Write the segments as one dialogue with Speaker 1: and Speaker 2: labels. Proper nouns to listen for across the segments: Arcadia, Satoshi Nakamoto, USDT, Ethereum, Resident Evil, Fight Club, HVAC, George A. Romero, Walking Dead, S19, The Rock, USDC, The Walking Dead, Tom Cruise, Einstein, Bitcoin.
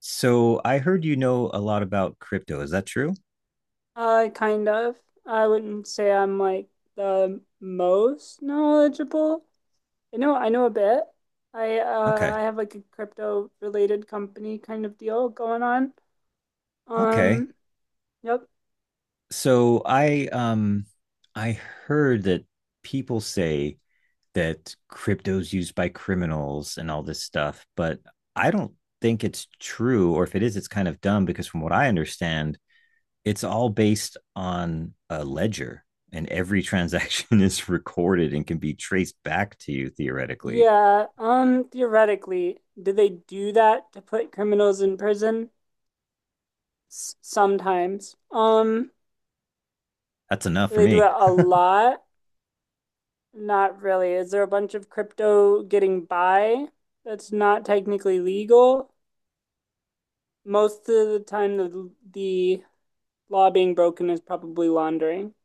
Speaker 1: So I heard you know a lot about crypto. Is that true?
Speaker 2: Kind of. I wouldn't say I'm like the most knowledgeable. I know a bit. I
Speaker 1: Okay.
Speaker 2: have like a crypto related company kind of deal going on.
Speaker 1: Okay.
Speaker 2: Um, yep.
Speaker 1: So I heard that people say that crypto's used by criminals and all this stuff, but I don't think it's true, or if it is, it's kind of dumb because from what I understand, it's all based on a ledger and every transaction is recorded and can be traced back to you theoretically.
Speaker 2: Yeah, theoretically, do they do that to put criminals in prison? S Sometimes.
Speaker 1: That's enough
Speaker 2: Do
Speaker 1: for
Speaker 2: they do
Speaker 1: me.
Speaker 2: it a lot? Not really. Is there a bunch of crypto getting by that's not technically legal? Most of the time, the law being broken is probably laundering,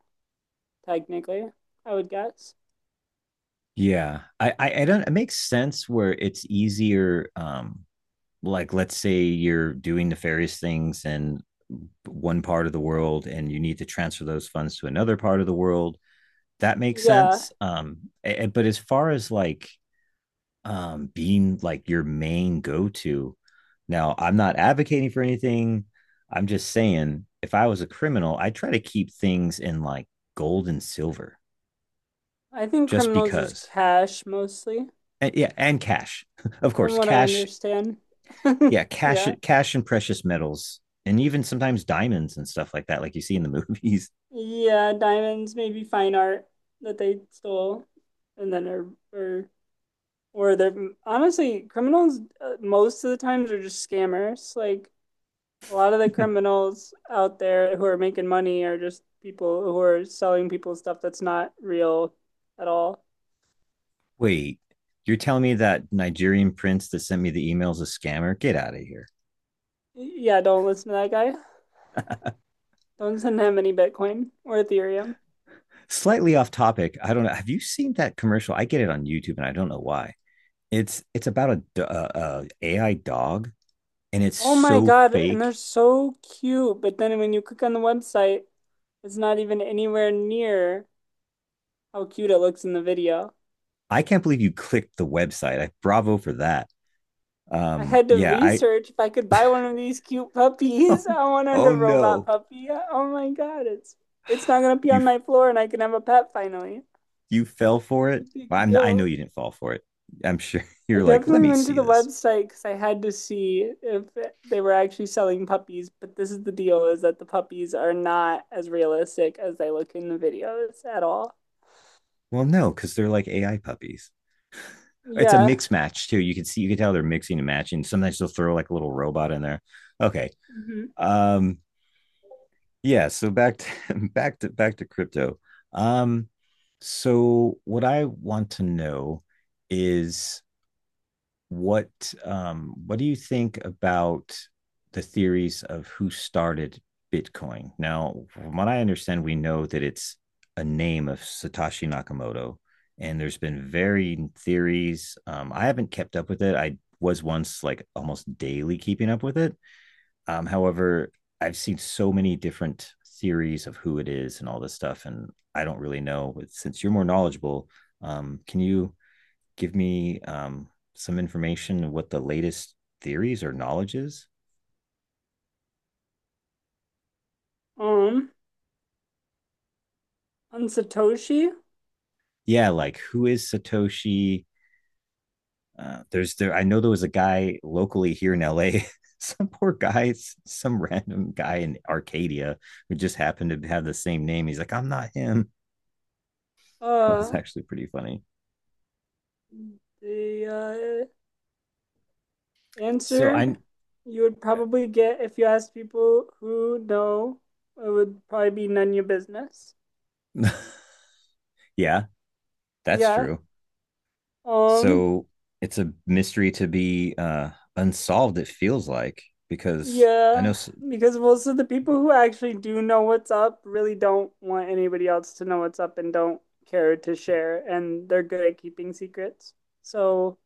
Speaker 2: technically, I would guess.
Speaker 1: Yeah. I don't it makes sense where it's easier like let's say you're doing nefarious things in one part of the world and you need to transfer those funds to another part of the world. That makes
Speaker 2: Yeah,
Speaker 1: sense. But as far as like being like your main go-to, now I'm not advocating for anything. I'm just saying if I was a criminal, I try to keep things in like gold and silver
Speaker 2: I think
Speaker 1: just
Speaker 2: criminals use
Speaker 1: because
Speaker 2: cash mostly,
Speaker 1: and, yeah, and cash, of
Speaker 2: from
Speaker 1: course,
Speaker 2: what I
Speaker 1: cash.
Speaker 2: understand.
Speaker 1: Yeah, cash,
Speaker 2: Yeah.
Speaker 1: cash, and precious metals, and even sometimes diamonds and stuff like that, like you see in the movies.
Speaker 2: Yeah, diamonds, maybe fine art that they stole, and then are or they're honestly criminals. Most of the times are just scammers. Like, a lot of the criminals out there who are making money are just people who are selling people stuff that's not real at all.
Speaker 1: Wait, you're telling me that Nigerian prince that sent me the email is a scammer? Get out of here.
Speaker 2: Yeah, don't listen to that guy. Don't send him any Bitcoin or Ethereum.
Speaker 1: Slightly off topic. I don't know. Have you seen that commercial? I get it on YouTube, and I don't know why. It's about a AI dog, and it's
Speaker 2: Oh my
Speaker 1: so
Speaker 2: God, and
Speaker 1: fake.
Speaker 2: they're so cute. But then when you click on the website, it's not even anywhere near how cute it looks in the video.
Speaker 1: I can't believe you clicked the website. I bravo for that.
Speaker 2: I had to
Speaker 1: Yeah, I
Speaker 2: research if I could buy one of these cute
Speaker 1: oh,
Speaker 2: puppies. I wanted a
Speaker 1: oh
Speaker 2: robot
Speaker 1: no.
Speaker 2: puppy. Oh my God, it's not gonna be
Speaker 1: you
Speaker 2: on my floor and I can have a pet finally.
Speaker 1: you fell for it.
Speaker 2: Big
Speaker 1: Well, I know
Speaker 2: deal.
Speaker 1: you didn't fall for it. I'm sure
Speaker 2: I
Speaker 1: you're like, let
Speaker 2: definitely
Speaker 1: me
Speaker 2: went to
Speaker 1: see
Speaker 2: the
Speaker 1: this.
Speaker 2: website because I had to see if they were actually selling puppies. But this is the deal: is that the puppies are not as realistic as they look in the videos at all.
Speaker 1: Well, no, because they're like AI puppies. It's a
Speaker 2: Yeah.
Speaker 1: mix match too. You can see, you can tell they're mixing and matching. Sometimes they'll throw like a little robot in there. Okay.
Speaker 2: hmm
Speaker 1: Um. Yeah. So back to back to crypto. Um. So what I want to know is what do you think about the theories of who started Bitcoin? Now, from what I understand, we know that it's a name of Satoshi Nakamoto, and there's been varying theories. I haven't kept up with it. I was once like almost daily keeping up with it. However, I've seen so many different theories of who it is and all this stuff, and I don't really know. Since you're more knowledgeable, can you give me some information of what the latest theories or knowledge is?
Speaker 2: Um, on Satoshi,
Speaker 1: Yeah, like who is Satoshi? There's there. I know there was a guy locally here in LA. Some poor guy, some random guy in Arcadia who just happened to have the same name. He's like, I'm not him. That was
Speaker 2: uh,
Speaker 1: actually pretty funny.
Speaker 2: the
Speaker 1: So
Speaker 2: answer
Speaker 1: I,
Speaker 2: you would probably get if you asked people who know, it would probably be none of your business.
Speaker 1: yeah, that's
Speaker 2: Yeah.
Speaker 1: true.
Speaker 2: Um,
Speaker 1: So it's a mystery to be unsolved. It feels like because I know.
Speaker 2: Yeah,
Speaker 1: So,
Speaker 2: because most of the people who actually do know what's up really don't want anybody else to know what's up and don't care to share, and they're good at keeping secrets. So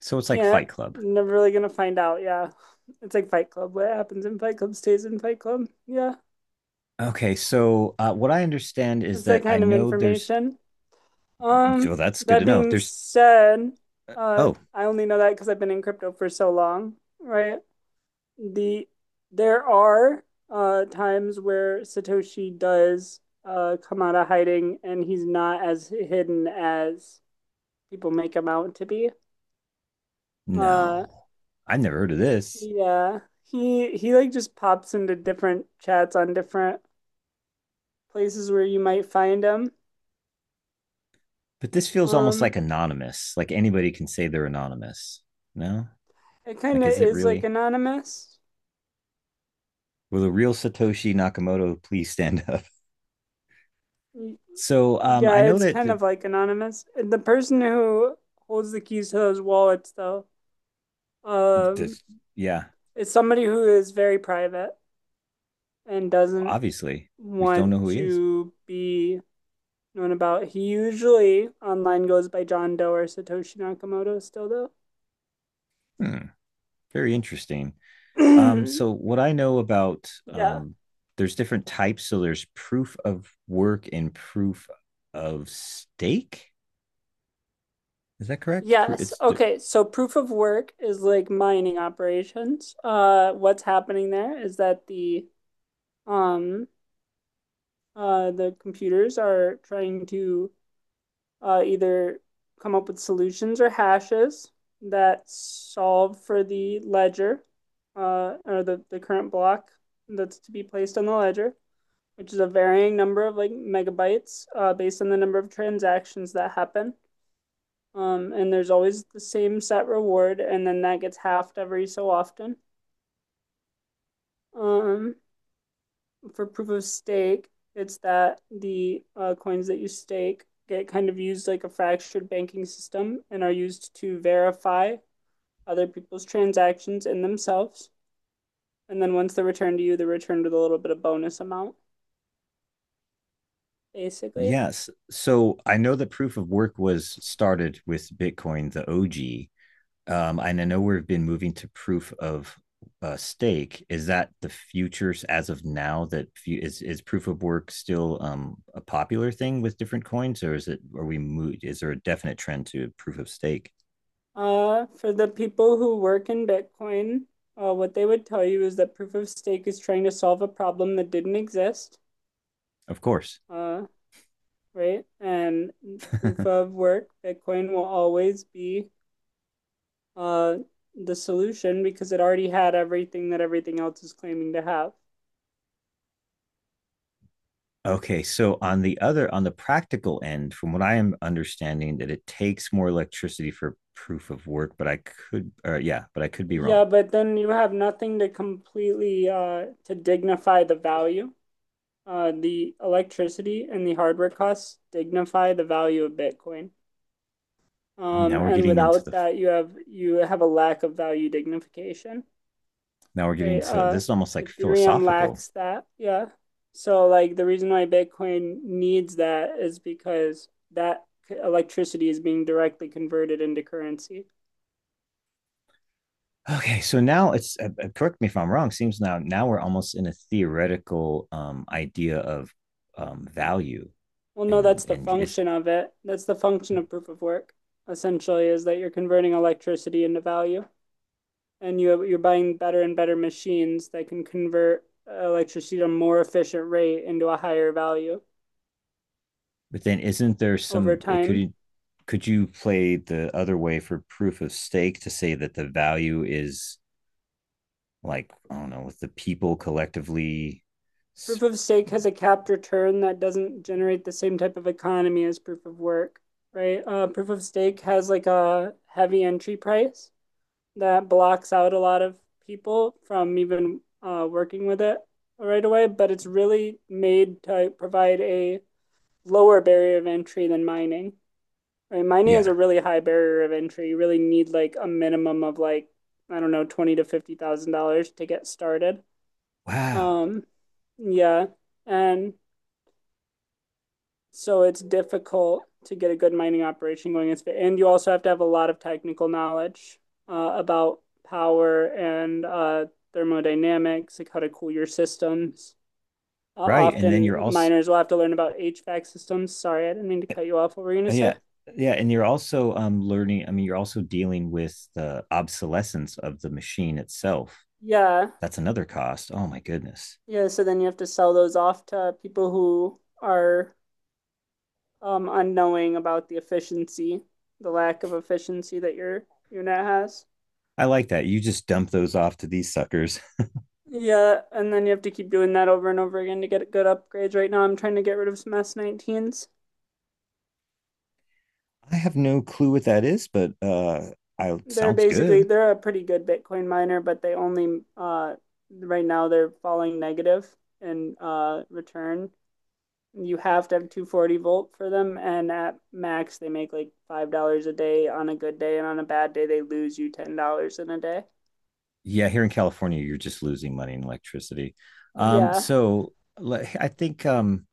Speaker 1: so it's like
Speaker 2: can't,
Speaker 1: Fight Club.
Speaker 2: never really gonna find out. Yeah, it's like Fight Club. What happens in Fight Club stays in Fight Club. Yeah,
Speaker 1: Okay, so what I understand is
Speaker 2: that's that
Speaker 1: that I
Speaker 2: kind of
Speaker 1: know there's.
Speaker 2: information. Um,
Speaker 1: Well, that's good to
Speaker 2: that
Speaker 1: know.
Speaker 2: being
Speaker 1: There's.
Speaker 2: said,
Speaker 1: Oh
Speaker 2: I only know that because I've been in crypto for so long, right? The there are times where Satoshi does come out of hiding and he's not as hidden as people make him out to be. Uh
Speaker 1: no, I've never heard of this.
Speaker 2: yeah. He like just pops into different chats on different places where you might find him.
Speaker 1: But this feels almost like
Speaker 2: Um
Speaker 1: anonymous. Like anybody can say they're anonymous. No,
Speaker 2: it kind
Speaker 1: like
Speaker 2: of
Speaker 1: is it
Speaker 2: is like
Speaker 1: really?
Speaker 2: anonymous.
Speaker 1: Will the real Satoshi Nakamoto please stand up? So I
Speaker 2: Yeah,
Speaker 1: know
Speaker 2: it's
Speaker 1: that
Speaker 2: kind of like anonymous. And the person who holds the keys to those wallets though, um
Speaker 1: this. Yeah,
Speaker 2: it's somebody who is very private and doesn't
Speaker 1: obviously we don't
Speaker 2: want
Speaker 1: know who he is.
Speaker 2: to be known about. He usually online goes by John Doe or Satoshi Nakamoto still though.
Speaker 1: Hmm, very interesting. So what I know about
Speaker 2: Yeah.
Speaker 1: there's different types. So there's proof of work and proof of stake. Is that correct?
Speaker 2: Yes.
Speaker 1: It's
Speaker 2: Okay. So proof of work is like mining operations. What's happening there is that um the computers are trying to either come up with solutions or hashes that solve for the ledger or the current block that's to be placed on the ledger, which is a varying number of like megabytes based on the number of transactions that happen. And there's always the same set reward, and then that gets halved every so often. Um, for proof of stake, it's that the coins that you stake get kind of used like a fractured banking system and are used to verify other people's transactions in themselves. And then once they're returned to you, they're returned with a little bit of bonus amount, basically.
Speaker 1: yes. So I know that proof of work was started with Bitcoin, the OG. And I know we've been moving to proof of stake. Is that the futures as of now? That is is proof of work still a popular thing with different coins, or is it? Are we moved? Is there a definite trend to proof of stake?
Speaker 2: For the people who work in Bitcoin, what they would tell you is that proof of stake is trying to solve a problem that didn't exist,
Speaker 1: Of course.
Speaker 2: uh, right? And proof of work, Bitcoin will always be uh, the solution because it already had everything that everything else is claiming to have.
Speaker 1: Okay, so on the other, on the practical end, from what I am understanding, that it takes more electricity for proof of work, but I could, or yeah, but I could be wrong.
Speaker 2: Yeah, but then you have nothing to completely to dignify the value. The electricity and the hardware costs dignify the value of Bitcoin.
Speaker 1: Now we're
Speaker 2: And
Speaker 1: getting into
Speaker 2: without
Speaker 1: the,
Speaker 2: that, you have a lack of value dignification.
Speaker 1: now we're getting
Speaker 2: Right.
Speaker 1: to this is almost like
Speaker 2: Ethereum
Speaker 1: philosophical.
Speaker 2: lacks that. Yeah. So like the reason why Bitcoin needs that is because that electricity is being directly converted into currency.
Speaker 1: Okay, so now it's correct me if I'm wrong. Seems now we're almost in a theoretical idea of value,
Speaker 2: Well, no, that's the
Speaker 1: and is
Speaker 2: function of it. That's the function of proof of work, essentially, is that you're converting electricity into value and you're buying better and better machines that can convert electricity at a more efficient rate into a higher value
Speaker 1: but then isn't there
Speaker 2: over
Speaker 1: some
Speaker 2: time.
Speaker 1: could you play the other way for proof of stake to say that the value is like I don't know, with the people collectively.
Speaker 2: Proof of stake has a capped return that doesn't generate the same type of economy as proof of work, right? Proof of stake has like a heavy entry price that blocks out a lot of people from even working with it right away, but it's really made to provide a lower barrier of entry than mining. Right? Mining is a
Speaker 1: Yeah.
Speaker 2: really high barrier of entry. You really need like a minimum of like I don't know twenty to fifty thousand dollars to get started.
Speaker 1: Wow.
Speaker 2: Um, yeah, and So it's difficult to get a good mining operation going. And you also have to have a lot of technical knowledge about power and thermodynamics, like how to cool your systems.
Speaker 1: Right. And then you're
Speaker 2: Often
Speaker 1: also
Speaker 2: miners will have to learn about HVAC systems. Sorry, I didn't mean to cut you off. What were you gonna say?
Speaker 1: yeah. Yeah, and you're also learning, I mean, you're also dealing with the obsolescence of the machine itself.
Speaker 2: Yeah,
Speaker 1: That's another cost. Oh my goodness.
Speaker 2: yeah. So then you have to sell those off to people who are unknowing about the efficiency, the lack of efficiency that your unit has.
Speaker 1: I like that. You just dump those off to these suckers.
Speaker 2: Yeah, and then you have to keep doing that over and over again to get good upgrades. Right now, I'm trying to get rid of some S19s.
Speaker 1: I have no clue what that is, but I sounds good.
Speaker 2: They're a pretty good Bitcoin miner, but they only right now they're falling negative in return. You have to have 240 volt for them, and at max they make like $5 a day on a good day, and on a bad day they lose you $10 in a day.
Speaker 1: Yeah, here in California, you're just losing money in electricity. Um,
Speaker 2: Yeah.
Speaker 1: so like, I think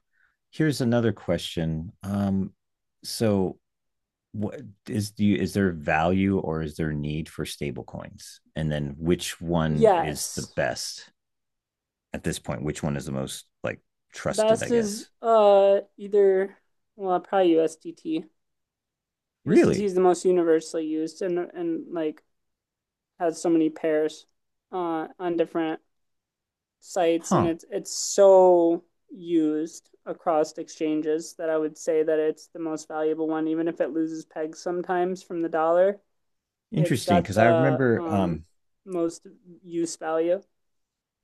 Speaker 1: here's another question. So what is do you is there value or is there need for stable coins? And then which one is the
Speaker 2: Yes.
Speaker 1: best at this point? Which one is the most like
Speaker 2: The
Speaker 1: trusted, I
Speaker 2: best is
Speaker 1: guess?
Speaker 2: either, well, probably USDT. USDT
Speaker 1: Really?
Speaker 2: is the most universally used and like has so many pairs on different sites and
Speaker 1: Huh.
Speaker 2: it's so used across exchanges that I would say that it's the most valuable one even if it loses pegs sometimes from the dollar. It's
Speaker 1: Interesting.
Speaker 2: got
Speaker 1: Cause I
Speaker 2: the
Speaker 1: remember
Speaker 2: most use value.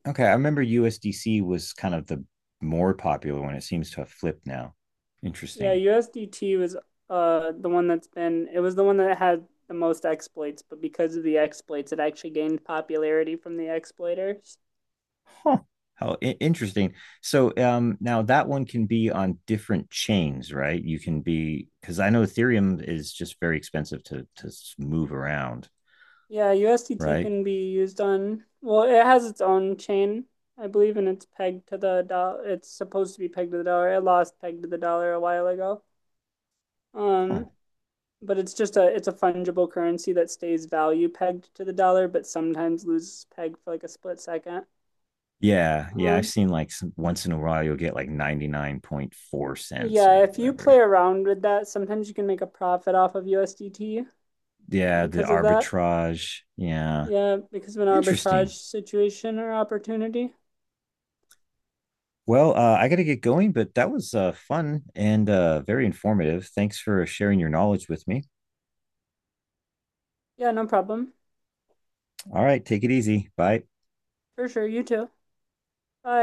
Speaker 1: okay, I remember USDC was kind of the more popular one. It seems to have flipped now.
Speaker 2: Yeah,
Speaker 1: Interesting.
Speaker 2: USDT was the one that's been, it was the one that had the most exploits, but because of the exploits it actually gained popularity from the exploiters.
Speaker 1: Huh. How interesting. So now that one can be on different chains, right? You can be because I know Ethereum is just very expensive to move around,
Speaker 2: Yeah, USDT
Speaker 1: right?
Speaker 2: can be used on, well, it has its own chain, I believe, and it's pegged to the dollar. It's supposed to be pegged to the dollar. It lost pegged to the dollar a while ago.
Speaker 1: Huh.
Speaker 2: Um, but it's just a it's a fungible currency that stays value pegged to the dollar, but sometimes loses peg for like a split second.
Speaker 1: Yeah, yeah. I've
Speaker 2: Um,
Speaker 1: seen like some, once in a while you'll get like 99.4 cents
Speaker 2: yeah,
Speaker 1: or
Speaker 2: if you play
Speaker 1: whatever.
Speaker 2: around with that, sometimes you can make a profit off of USDT
Speaker 1: Yeah, the
Speaker 2: because of that.
Speaker 1: arbitrage. Yeah.
Speaker 2: Yeah, because of an arbitrage
Speaker 1: Interesting.
Speaker 2: situation or opportunity.
Speaker 1: Well, I got to get going, but that was fun and very informative. Thanks for sharing your knowledge with me.
Speaker 2: Yeah, no problem.
Speaker 1: All right, take it easy. Bye.
Speaker 2: For sure, you too. Bye.